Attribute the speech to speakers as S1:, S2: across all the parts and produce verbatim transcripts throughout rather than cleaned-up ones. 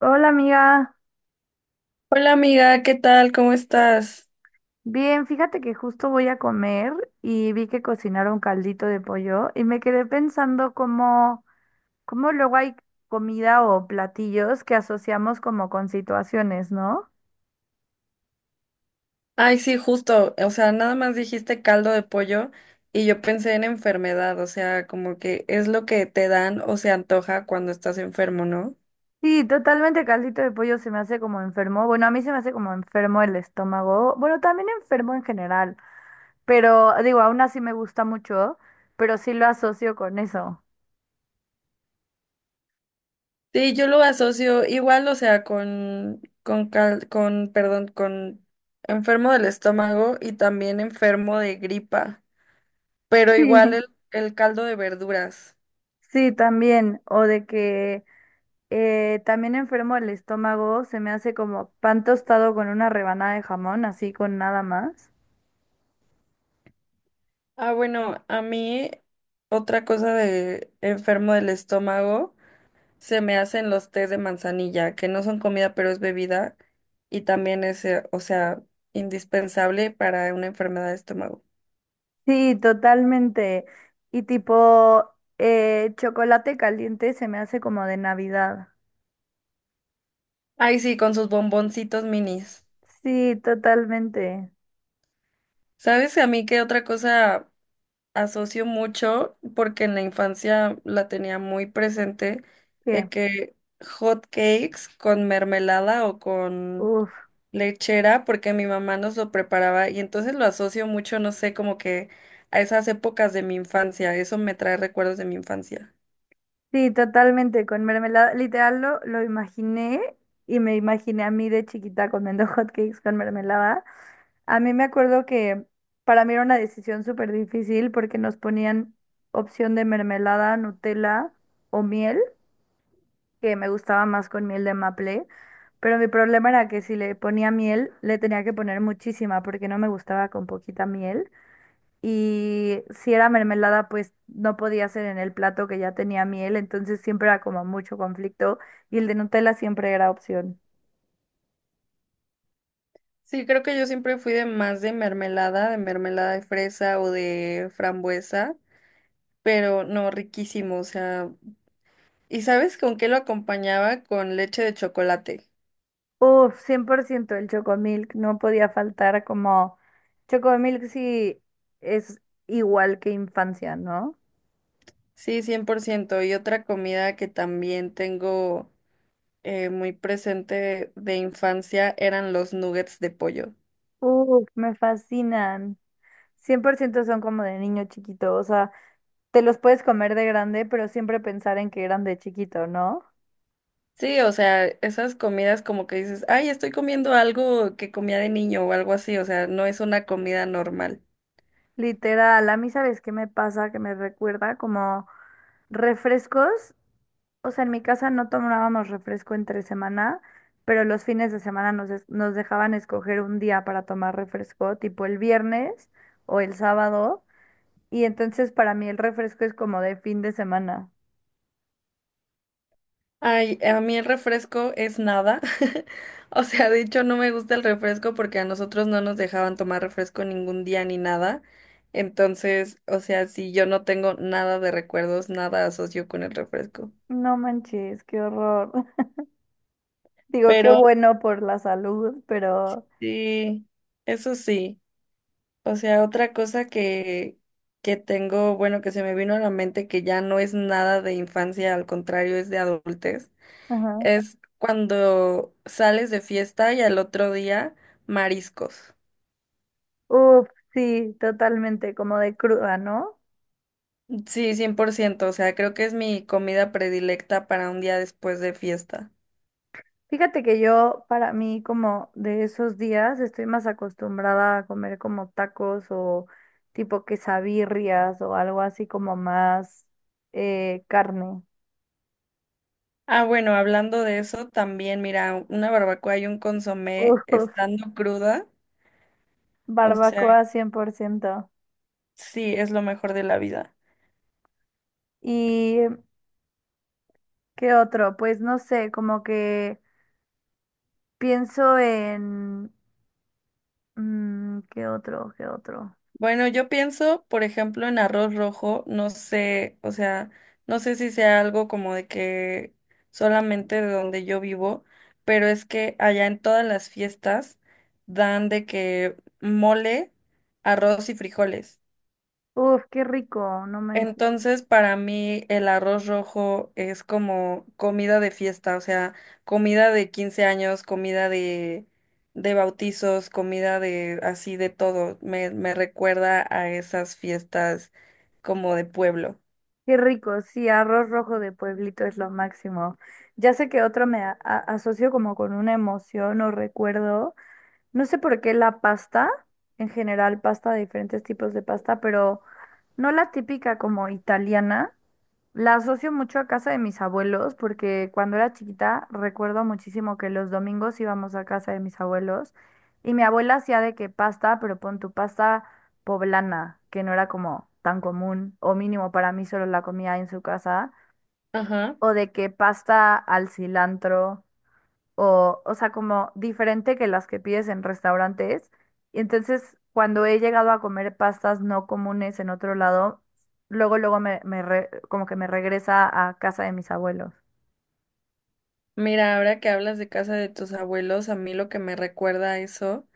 S1: Hola amiga,
S2: Hola amiga, ¿qué tal? ¿Cómo estás?
S1: bien, fíjate que justo voy a comer y vi que cocinaron caldito de pollo y me quedé pensando cómo, cómo luego hay comida o platillos que asociamos como con situaciones, ¿no?
S2: Ay, sí, justo, o sea, nada más dijiste caldo de pollo y yo pensé en enfermedad, o sea, como que es lo que te dan o se antoja cuando estás enfermo, ¿no?
S1: Sí, totalmente caldito de pollo se me hace como enfermo. Bueno, a mí se me hace como enfermo el estómago. Bueno, también enfermo en general, pero digo, aún así me gusta mucho, pero sí lo asocio con eso.
S2: Sí, yo lo asocio igual, o sea, con con cal- con perdón, con enfermo del estómago y también enfermo de gripa, pero
S1: Sí,
S2: igual el el caldo de verduras.
S1: sí, también. O de que. Eh, también enfermo el estómago, se me hace como pan tostado con una rebanada de jamón, así con nada más.
S2: Ah, bueno, a mí otra cosa de enfermo del estómago se me hacen los tés de manzanilla, que no son comida, pero es bebida, y también es, eh, o sea, indispensable para una enfermedad de estómago.
S1: Sí, totalmente. Y tipo, eh, chocolate caliente se me hace como de Navidad.
S2: Ay, sí, con sus bomboncitos minis.
S1: Sí, totalmente.
S2: ¿Sabes a mí qué otra cosa asocio mucho? Porque en la infancia la tenía muy presente, de
S1: ¿Qué?
S2: que hot cakes con mermelada o con
S1: Uf.
S2: lechera porque mi mamá nos lo preparaba y entonces lo asocio mucho, no sé, como que a esas épocas de mi infancia, eso me trae recuerdos de mi infancia.
S1: Sí, totalmente, con mermelada. Literal lo, lo imaginé y me imaginé a mí de chiquita comiendo hotcakes con mermelada. A mí me acuerdo que para mí era una decisión súper difícil porque nos ponían opción de mermelada, Nutella o miel, que me gustaba más con miel de maple, pero mi problema era que si le ponía miel, le tenía que poner muchísima porque no me gustaba con poquita miel. Y si era mermelada, pues no podía ser en el plato que ya tenía miel, entonces siempre era como mucho conflicto y el de Nutella siempre era opción.
S2: Sí, creo que yo siempre fui de más de mermelada, de mermelada de fresa o de frambuesa, pero no, riquísimo, o sea, ¿y sabes con qué lo acompañaba? Con leche de chocolate.
S1: Uf, cien por ciento el Chocomilk, no podía faltar como. Chocomilk sí es igual que infancia, ¿no?
S2: Sí, cien por ciento. Y otra comida que también tengo eh, muy presente de infancia eran los nuggets de pollo.
S1: Uf, me fascinan. Cien por ciento son como de niño chiquito, o sea, te los puedes comer de grande, pero siempre pensar en que eran de chiquito, ¿no?
S2: Sí, o sea, esas comidas como que dices, ay, estoy comiendo algo que comía de niño o algo así, o sea, no es una comida normal.
S1: Literal, a mí sabes qué me pasa, que me recuerda como refrescos. O sea, en mi casa no tomábamos refresco entre semana, pero los fines de semana nos, es- nos dejaban escoger un día para tomar refresco, tipo el viernes o el sábado. Y entonces para mí el refresco es como de fin de semana.
S2: Ay, a mí el refresco es nada. O sea, de hecho no me gusta el refresco porque a nosotros no nos dejaban tomar refresco ningún día ni nada. Entonces, o sea, sí, yo no tengo nada de recuerdos, nada asocio con el refresco.
S1: No manches, qué horror. Digo, qué
S2: Pero
S1: bueno por la salud, pero.
S2: sí, eso sí. O sea, otra cosa que, que tengo, bueno, que se me vino a la mente que ya no es nada de infancia, al contrario, es de adultez,
S1: Ajá.
S2: es cuando sales de fiesta y al otro día mariscos.
S1: Uf, sí, totalmente, como de cruda, ¿no?
S2: Sí, cien por ciento, o sea, creo que es mi comida predilecta para un día después de fiesta.
S1: Fíjate que yo, para mí, como de esos días, estoy más acostumbrada a comer como tacos o tipo quesabirrias o algo así como más eh, carne.
S2: Ah, bueno, hablando de eso, también, mira, una barbacoa y un consomé
S1: Uf,
S2: estando cruda, o sea,
S1: barbacoa cien por ciento.
S2: sí, es lo mejor de la vida.
S1: ¿Y qué otro? Pues no sé, como que pienso en. Mm, ¿qué otro? ¿Qué otro?
S2: Bueno, yo pienso, por ejemplo, en arroz rojo, no sé, o sea, no sé si sea algo como de que solamente de donde yo vivo, pero es que allá en todas las fiestas dan de que mole, arroz y frijoles.
S1: Uf, qué rico, no me.
S2: Entonces, para mí el arroz rojo es como comida de fiesta, o sea, comida de quince años, comida de, de bautizos, comida de así de todo. Me, me recuerda a esas fiestas como de pueblo.
S1: Qué rico, sí, arroz rojo de pueblito es lo máximo. Ya sé que otro me a- a- asocio como con una emoción o recuerdo. No sé por qué la pasta, en general pasta, diferentes tipos de pasta, pero no la típica como italiana. La asocio mucho a casa de mis abuelos porque cuando era chiquita recuerdo muchísimo que los domingos íbamos a casa de mis abuelos y mi abuela hacía de que pasta, pero pon tu pasta poblana, que no era como tan común o mínimo para mí solo la comía en su casa,
S2: Ajá.
S1: o de que pasta al cilantro o, o sea, como diferente que las que pides en restaurantes. Y entonces, cuando he llegado a comer pastas no comunes en otro lado, luego, luego me, me re- como que me regresa a casa de mis abuelos.
S2: Mira, ahora que hablas de casa de tus abuelos, a mí lo que me recuerda a eso.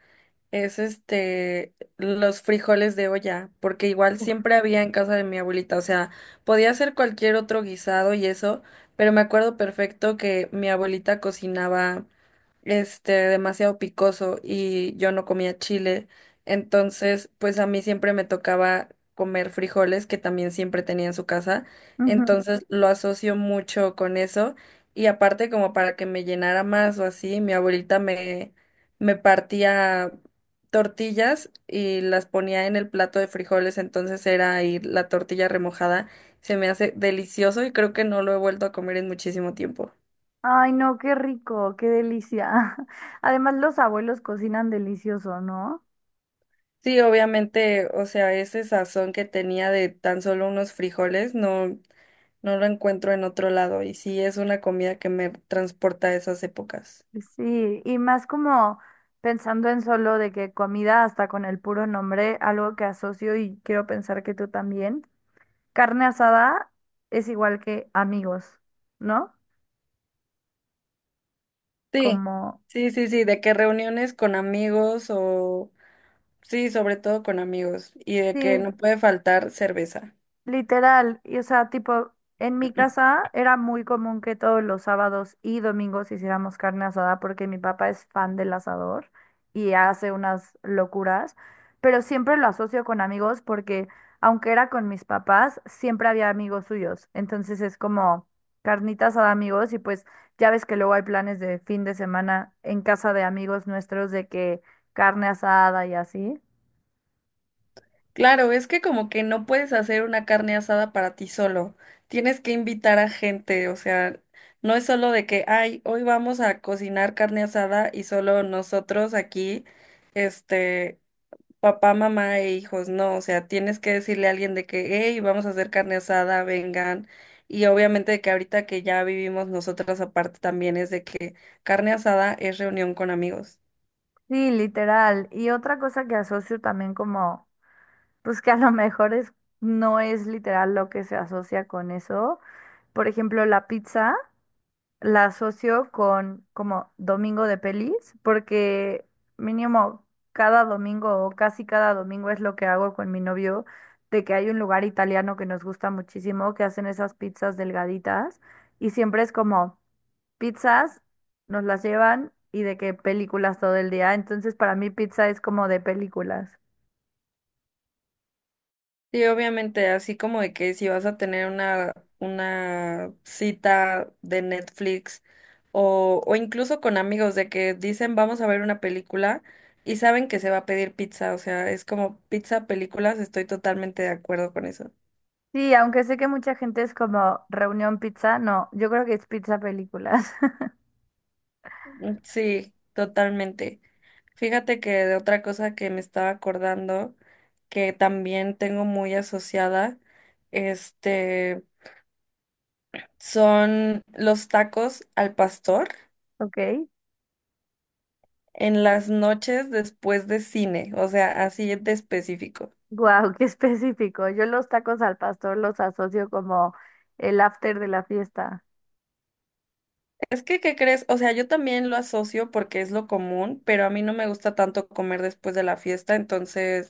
S2: Es este los frijoles de olla, porque igual siempre había en casa de mi abuelita, o sea, podía hacer cualquier otro guisado y eso, pero me acuerdo perfecto que mi abuelita cocinaba este, demasiado picoso y yo no comía chile. Entonces, pues a mí siempre me tocaba comer frijoles, que también siempre tenía en su casa.
S1: Ujú.
S2: Entonces, lo asocio mucho con eso. Y aparte, como para que me llenara más o así, mi abuelita me, me partía tortillas y las ponía en el plato de frijoles. Entonces, era ahí la tortilla remojada. Se me hace delicioso y creo que no lo he vuelto a comer en muchísimo tiempo.
S1: Ay, no, qué rico, qué delicia. Además, los abuelos cocinan delicioso, ¿no?
S2: Sí, obviamente, o sea, ese sazón que tenía de tan solo unos frijoles, no, no lo encuentro en otro lado. Y sí, es una comida que me transporta a esas épocas.
S1: Sí, y más como pensando en solo de que comida hasta con el puro nombre, algo que asocio y quiero pensar que tú también. Carne asada es igual que amigos, ¿no?
S2: Sí,
S1: Como,
S2: sí, sí, sí, de que reuniones con amigos o, sí, sobre todo con amigos, y de que
S1: sí,
S2: no puede faltar cerveza.
S1: literal, y o sea, tipo, en mi casa era muy común que todos los sábados y domingos hiciéramos carne asada porque mi papá es fan del asador y hace unas locuras, pero siempre lo asocio con amigos porque aunque era con mis papás, siempre había amigos suyos. Entonces es como carnita asada amigos y pues ya ves que luego hay planes de fin de semana en casa de amigos nuestros de que carne asada y así.
S2: Claro, es que como que no puedes hacer una carne asada para ti solo. Tienes que invitar a gente, o sea, no es solo de que, ay, hoy vamos a cocinar carne asada y solo nosotros aquí, este, papá, mamá e hijos, no, o sea, tienes que decirle a alguien de que, hey, vamos a hacer carne asada, vengan. Y obviamente de que ahorita que ya vivimos nosotras aparte también es de que carne asada es reunión con amigos.
S1: Sí, literal. Y otra cosa que asocio también como. Pues que a lo mejor es, no es literal lo que se asocia con eso. Por ejemplo, la pizza la asocio con como domingo de pelis, porque mínimo cada domingo o casi cada domingo es lo que hago con mi novio, de que hay un lugar italiano que nos gusta muchísimo, que hacen esas pizzas delgaditas y siempre es como pizzas, nos las llevan y de qué películas todo el día. Entonces para mí pizza es como de películas.
S2: Sí, obviamente, así como de que si vas a tener una, una cita de Netflix o, o incluso con amigos de que dicen vamos a ver una película y saben que se va a pedir pizza, o sea, es como pizza, películas, estoy totalmente de acuerdo con eso.
S1: Sí, aunque sé que mucha gente es como reunión pizza, no, yo creo que es pizza películas.
S2: Mm, sí, totalmente. Fíjate que de otra cosa que me estaba acordando, que también tengo muy asociada, este, son los tacos al pastor.
S1: ¿Ok?
S2: En las noches después de cine, o sea, así de específico.
S1: Wow, qué específico. Yo los tacos al pastor los asocio como el after de la fiesta.
S2: Es que, ¿qué crees? O sea, yo también lo asocio porque es lo común, pero a mí no me gusta tanto comer después de la fiesta, entonces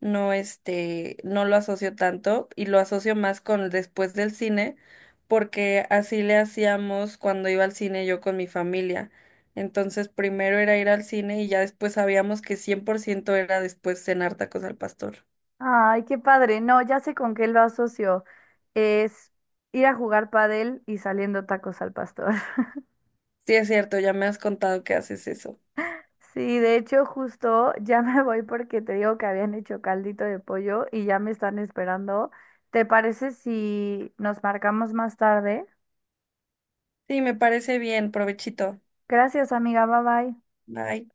S2: no, este, no lo asocio tanto y lo asocio más con el después del cine, porque así le hacíamos cuando iba al cine yo con mi familia. Entonces, primero era ir al cine y ya después sabíamos que cien por ciento era después cenar tacos al pastor.
S1: Ay, qué padre. No, ya sé con qué lo asocio. Es ir a jugar padel y saliendo tacos al pastor.
S2: Sí, es cierto, ya me has contado que haces eso.
S1: Sí, de hecho, justo ya me voy porque te digo que habían hecho caldito de pollo y ya me están esperando. ¿Te parece si nos marcamos más tarde?
S2: Sí, me parece bien, provechito.
S1: Gracias, amiga. Bye bye.
S2: Bye.